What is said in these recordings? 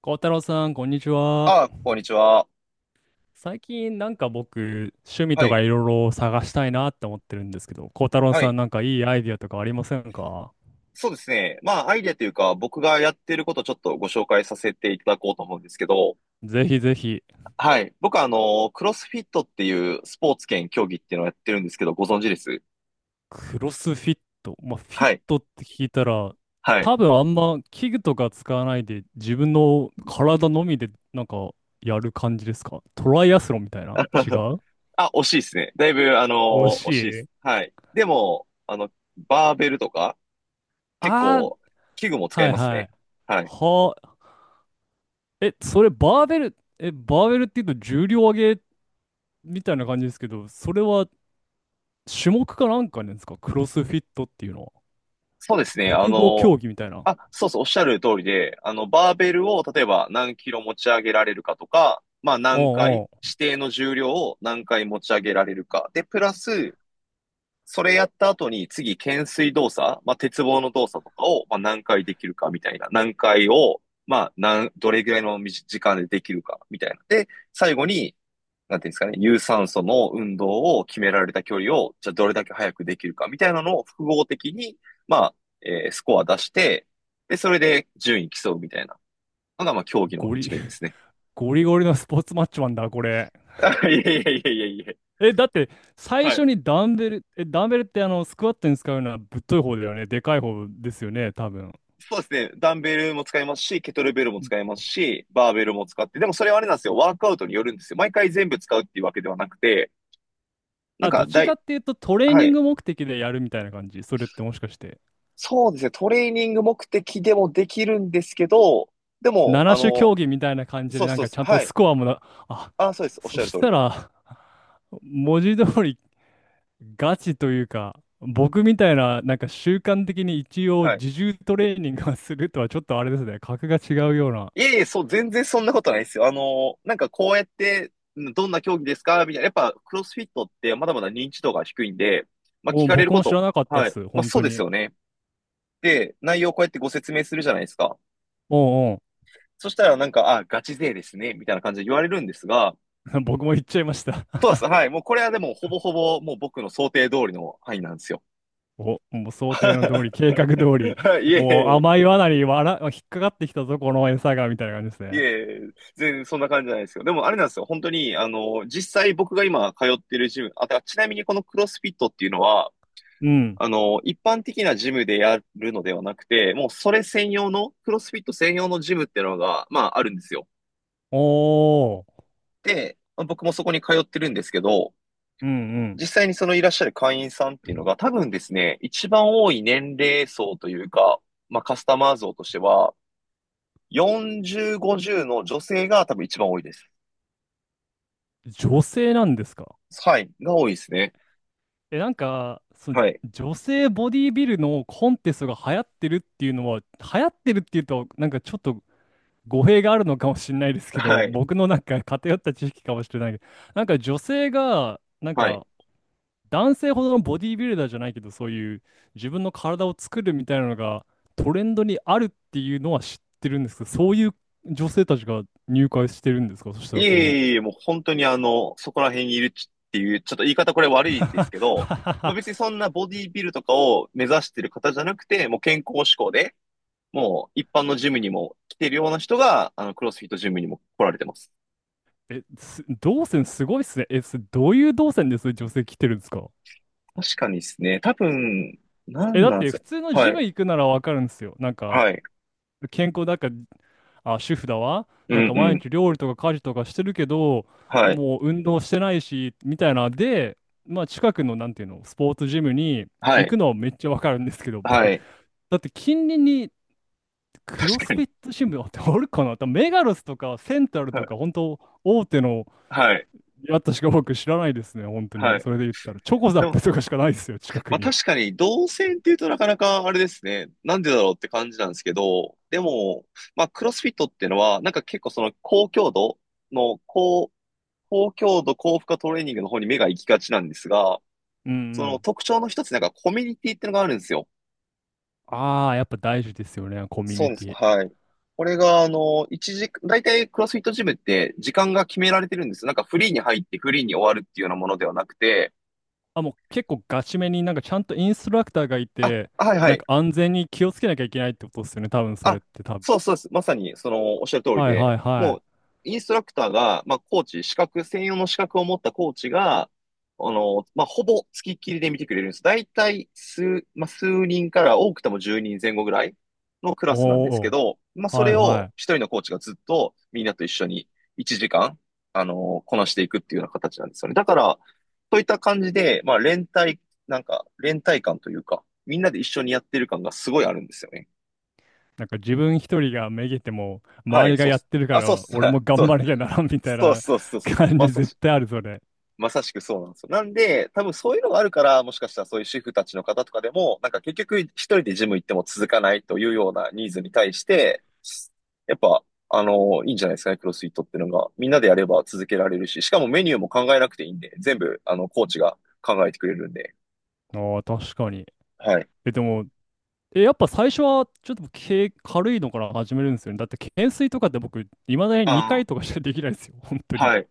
孝太郎さん、こんにちは。ああ、こんにちは。最近僕、趣味はとい。かいろいろ探したいなって思ってるんですけど、孝太郎はさん、い。なんかいいアイディアとかありませんか？そうですね。まあ、アイデアというか、僕がやってることをちょっとご紹介させていただこうと思うんですけど、ぜひぜひ。はい。僕は、クロスフィットっていうスポーツ兼競技っていうのをやってるんですけど、ご存知です？クロスフィット。まあ、フィッはい。トって聞いたら、はい。多分あんま器具とか使わないで、自分の体のみでなんかやる感じですか？トライアスロンみたいな？違 う？あ、惜しいですね。だいぶ、惜し惜しいでい？す。はい。でも、バーベルとか、結あー、構、器具も使はいいますはい。ね。はい。はあ、それバーベル、バーベルって言うと重量上げみたいな感じですけど、それは種目かなんかなんですか、クロスフィットっていうのは。そうですね。複合競技みたいな。あ、そうそう、おっしゃる通りで、バーベルを例えば何キロ持ち上げられるかとか、まあお、何回、う指定の重量を何回持ち上げられるか。で、プラス、それやった後に次、懸垂動作、まあ鉄棒の動作とかを、まあ何回できるかみたいな。何回を、まあ、どれぐらいの短時間でできるかみたいな。で、最後に、なんていうんですかね、有酸素の運動を決められた距離を、じゃあどれだけ早くできるかみたいなのを複合的に、まあ、スコア出して、で、それで順位競うみたいなのが、まあ、競んうん。技のゴリ、一面ですね。ゴリゴリのスポーツマッチマンだ、これ。いやいやいやいや、いえ、だって、や最はい。初にダンベル、ダンベルって、あの、スクワットに使うのはぶっとい方だよね。でかい方ですよね、多分。そうですね。ダンベルも使いますし、ケトルベルも使いますし、バーベルも使って、でもそれはあれなんですよ。ワークアウトによるんですよ。毎回全部使うっていうわけではなくて、なんあ、どか、っちだかい、っていうとトレーはニンい。グ目的でやるみたいな感じ。それってもしかして。そうですね。トレーニング目的でもできるんですけど、でも、7種競技みたいな感じそで、うなんそうかそう、ちゃんとはい。スコアもな、あ、ああ、そうです。おっしそゃるし通りただ。ら、文字通りガチというか、僕みたいな、なんか習慣的に一応はい。自重トレーニングをするとはちょっとあれですね、格が違うような。いえいえ、そう、全然そんなことないですよ。なんかこうやって、どんな競技ですかみたいな。やっぱ、クロスフィットってまだまだ認知度が低いんで、まあ聞お、かれる僕こも知と。らなかったっはい。す、まあ本そ当うですに。よね。で、内容をこうやってご説明するじゃないですか。おうおう、そしたらなんか、あ、ガチ勢ですね。みたいな感じで言われるんですが、僕も言っちゃいました。そう です。はい。もうこれはでも、ほぼほぼ、もう僕の想定通りの範囲なんですよ。お、もう 想定の通り、は計画通り、いいえいお、え。甘い罠にわら、引っかかってきたぞ、この餌が、みたいな感じですいね。え、全然そんな感じじゃないですよ。でもあれなんですよ。本当に、実際僕が今通ってるジム、あ、だからちなみにこのクロスフィットっていうのは、うん。一般的なジムでやるのではなくて、もうそれ専用の、クロスフィット専用のジムっていうのが、まああるんですよ。おー、で、まあ僕もそこに通ってるんですけど、うんうん。実際にそのいらっしゃる会員さんっていうのが多分ですね、一番多い年齢層というか、まあカスタマー層としては、40、50の女性が多分一番多いです。女性なんですか？はい、が多いですね。え、なんか、そ、はい。女性ボディビルのコンテストが流行ってるっていうのは、流行ってるっていうと、なんかちょっと語弊があるのかもしれないですけど、はい。僕のなんか偏った知識かもしれないけど、なんか女性が、なんはい。か男性ほどのボディビルダーじゃないけど、そういう自分の体を作るみたいなのがトレンドにあるっていうのは知ってるんですけど、そういう女性たちが入会してるんですか、そしたいらえその。 いえいえ、もう本当にあの、そこら辺にいるっていう、ちょっと言い方これ悪いですけど、まあ 別にそんなボディビルとかを目指してる方じゃなくて、もう健康志向で、もう一般のジムにも来てるような人が、クロスフィットジムにも来られてます。え、す、動線すごいっすね。どういう動線です？女性来てるんですか？確かにですね。多分、なえ、んだっなんでてす普よ。通のはジムい。行くならわかるんですよ。なんか、はい。健康だから、あ、主婦だわ。うなんんかう毎ん。日料理とか家事とかしてるけど、はい。もう運動してないし、みたいな。で、まあ近くの、なんていうの、スポーツジムには行い。くのはめっちゃわかるんですけど、は僕、い。だって近隣にクロ確スかフにィットジムあって、あるかな？多メガロスとかセントラルはとい。か、本当大手のはい。出会ったしか僕知らないですね、本当はに。い。それで言ったら。チョコザッでプもとかしかないですよ、近くまあに。確かに、動線っていうとなかなかあれですね。なんでだろうって感じなんですけど、でも、まあクロスフィットっていうのは、なんか結構その高強度の高、高強度高負荷トレーニングの方に目が行きがちなんですが、うんそうのん。特徴の一つ、なんかコミュニティっていうのがあるんですよ。ああ、やっぱ大事ですよね、コミュそうニでテす。ィ。はい。これが、一時、大体クロスフィットジムって時間が決められてるんですよ。なんかフリーに入ってフリーに終わるっていうようなものではなくて、あ、もう結構ガチめになんかちゃんとインストラクターがいあ、て、はいはなんい。か安全に気をつけなきゃいけないってことですよね、多分それあ、って多分。そうそうです。まさに、その、おっしゃる通りはいで、はいもはう、い。インストラクターが、まあ、コーチ、資格、専用の資格を持ったコーチが、まあ、ほぼ付きっきりで見てくれるんです。だいたい数、まあ、数人から多くても10人前後ぐらいのクラおスなんですけお、ど、まあ、そはいれはを一い。人のコーチがずっとみんなと一緒に1時間、こなしていくっていうような形なんですよね。だから、そういった感じで、まあ、連帯、なんか、連帯感というか、みんなで一緒にやってる感がすごいあるんですよね。なんか自分一人がめげても、は周い、りがそうっやっす。てるかあ、そうっらす。俺も 頑そ張らなきゃならんみう、たいそうな。 そうそう そう。感じ絶対ある、それ。まさしくそうなんですよ。なんで、多分そういうのがあるから、もしかしたらそういう主婦たちの方とかでも、なんか結局一人でジム行っても続かないというようなニーズに対して、やっぱ、いいんじゃないですかね、クロスフィットっていうのが。みんなでやれば続けられるし、しかもメニューも考えなくていいんで、全部、コーチが考えてくれるんで。ああ、確かに。はい。え、でも、やっぱ最初はちょっと軽、軽いのから始めるんですよね。だって懸垂とかって僕、いまだに2回あとかしかできないですよ。本当あ、に。はい。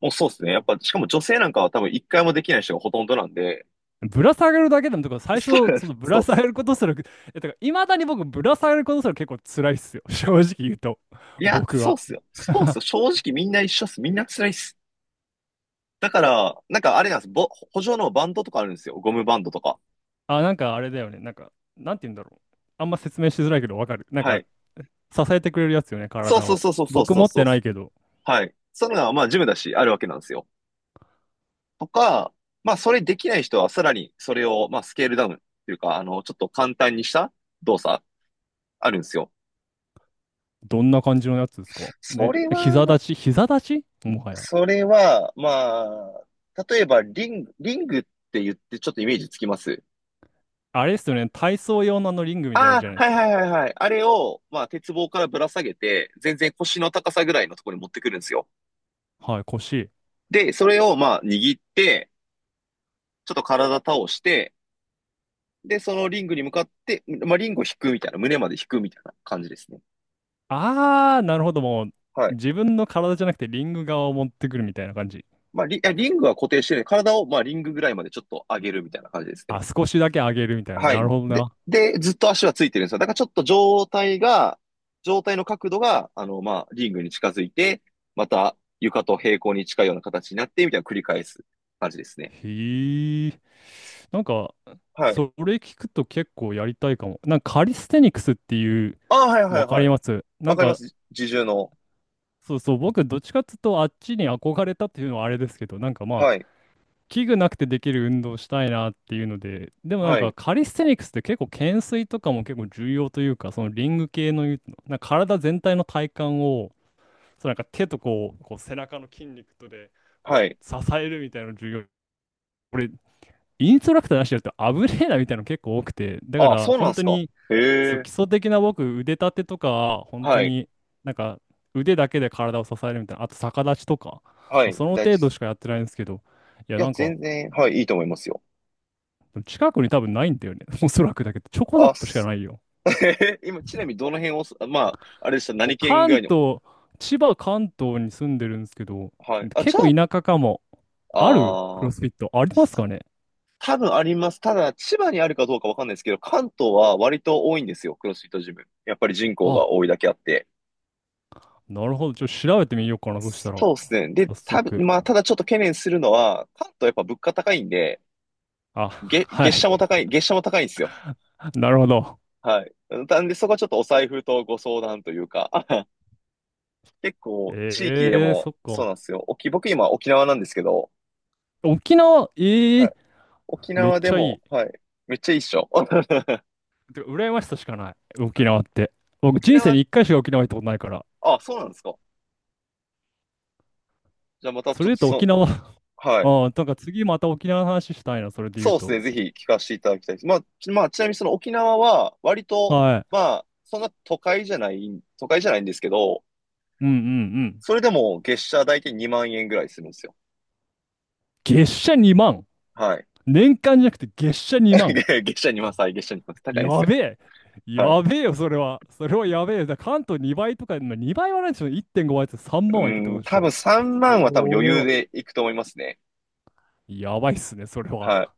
もうそうですね。やっぱ、しかも女性なんかは多分一回もできない人がほとんどなんで、ぶら下がるだけでも、とか最初、そう、その ぶそらう下がることすら、え、だからいまだに僕、ぶら下がることすら結構辛いっすよ。正直言うと。いや、僕そうっは。すよ。スポー ツ、正直みんな一緒っす。みんな辛いっす。だから、なんかあれなんです。補助のバンドとかあるんですよ。ゴムバンドとか。あ、なんかあれだよね。なんか、なんて言うんだろう。あんま説明しづらいけどわかる。なんはか、い。支えてくれるやつよね、そう体そうを。そうそうそう僕そう持っそう。てないけど、はい。そういうのが、まあ、ジムだし、あるわけなんですよ。とか、まあ、それできない人は、さらに、それを、まあ、スケールダウンっていうか、ちょっと簡単にした動作、あるんですよ。どんな感じのやつですかそね、れ膝は、立ち、膝立ちもはや。それは、まあ、例えば、リングって言って、ちょっとイメージつきます？あれですよね、体操用のあのリングみたいなやあつじゃあ、ないではすいか。はいはいはい。あれを、まあ、鉄棒からぶら下げて、全然腰の高さぐらいのところに持ってくるんですよ。はい、腰。で、それを、まあ、握って、ちょっと体倒して、で、そのリングに向かって、まあ、リングを引くみたいな、胸まで引くみたいな感じですね。あー、なるほど。もう、はい。自分の体じゃなくてリング側を持ってくるみたいな感じ。リングは固定してる体を、まあ、リングぐらいまでちょっと上げるみたいな感じですね。あ、少しだけ上げるみたいな。はない。るほどで、な。で、ずっと足はついてるんですよ。だからちょっと状態の角度が、まあ、リングに近づいて、また床と平行に近いような形になって、みたいな繰り返す感じですね。へー。なんか、はい。それ聞くと結構やりたいかも。なんかカリステニクスっていう、ああ、はいはいわかはりい。ます。わなんかりまか、す。自重の。そうそう、僕、どっちかっていうと、あっちに憧れたっていうのはあれですけど、なんかまあ、はい。器具なくてできる運動したいなっていうので、でもなんはかい。カリステニクスって結構懸垂とかも結構重要というか、そのリング系のいう、なんか体全体の体幹を、そうなんか手とこう、こう背中の筋肉とでこうはい。支えるみたいなの重要。これ、インストラクターなしでやると危ねえなみたいなの結構多くて、だかああ、らそうなんで本当すか。に、そへう、基え。礎的な僕、腕立てとか、本当はい。になんか腕だけで体を支えるみたいな、あと逆立ちとか、はい。その大事程で度す。しかやってないんですけど、いや、いや、なんか、全然、はい、いいと思いますよ。近くに多分ないんだよね。おそらくだけど、チョコザッあ、プしかす ないよ。今、ちなみにどの辺をす、まあ、あれでした、もう何県ぐ関らいの。東、千葉、関東に住んでるんですけど、はい。あ、結じゃ構田舎かも。あ、あるクあロあ、スフィットありますかね？多分あります。ただ、千葉にあるかどうかわかんないですけど、関東は割と多いんですよ、クロスフィットジム。やっぱり人口があ、多いだけあって。なるほど。ちょっと調べてみようかな。そしたら、そうですね。で、早多分、速。まあ、ただちょっと懸念するのは、関東やっぱ物価高いんで、あ、はい。月謝も高いんですよ。なるほど。はい。なんで、そこはちょっとお財布とご相談というか、結構、地域でえー、も、そっそうか。なんですよ。僕今沖縄なんですけど、沖縄、えはい。ー、沖めっ縄でちゃいも、い。はい。めっちゃいいっしょ。はてか羨ましさしかない。沖い縄って。僕、沖人生縄、に一回しか沖縄行ったことないから。あ、そうなんですか。じゃあまたそちょっれで言うととそ、沖縄、は あい。ー、なんか次また沖縄の話したいな。それで言そううですと。ね。ぜひ聞かせていただきたいです。まあ、ちなみにその沖縄は、割と、はまい。あ、そんな都会じゃない、都会じゃないんですけど、うんうんうん。それでも月謝大体2万円ぐらいするんですよ。月謝2万。はい。年間じゃなくて月謝2万。月謝2万歳、はい月謝2万って高いんですやよ。べえ。はい。やべえよ、それは。それはやべえ。だから関東2倍とか、まあ、2倍はないでしょ。1.5倍って3う万はいくってこん、とでし多ょ。分3万は多分そ余れ裕は。でいくと思いますね。やばいっすね、それは。はい。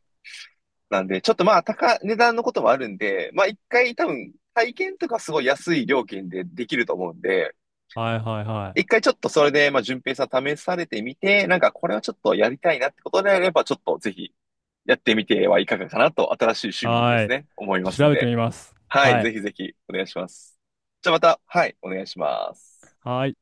なんで、ちょっとまあ、値段のこともあるんで、まあ一回多分、体験とかすごい安い料金でできると思うんで、はいはいは一回ちょっとそれで、まあ、順平さん試されてみて、なんかこれはちょっとやりたいなってことであれば、ちょっとぜひやってみてはいかがかなと、新しい趣い。味にではすね、思いい。ますん調べてで。みます。はい、はぜい。ひぜひお願いします。じゃあまた、はい、お願いします。はい。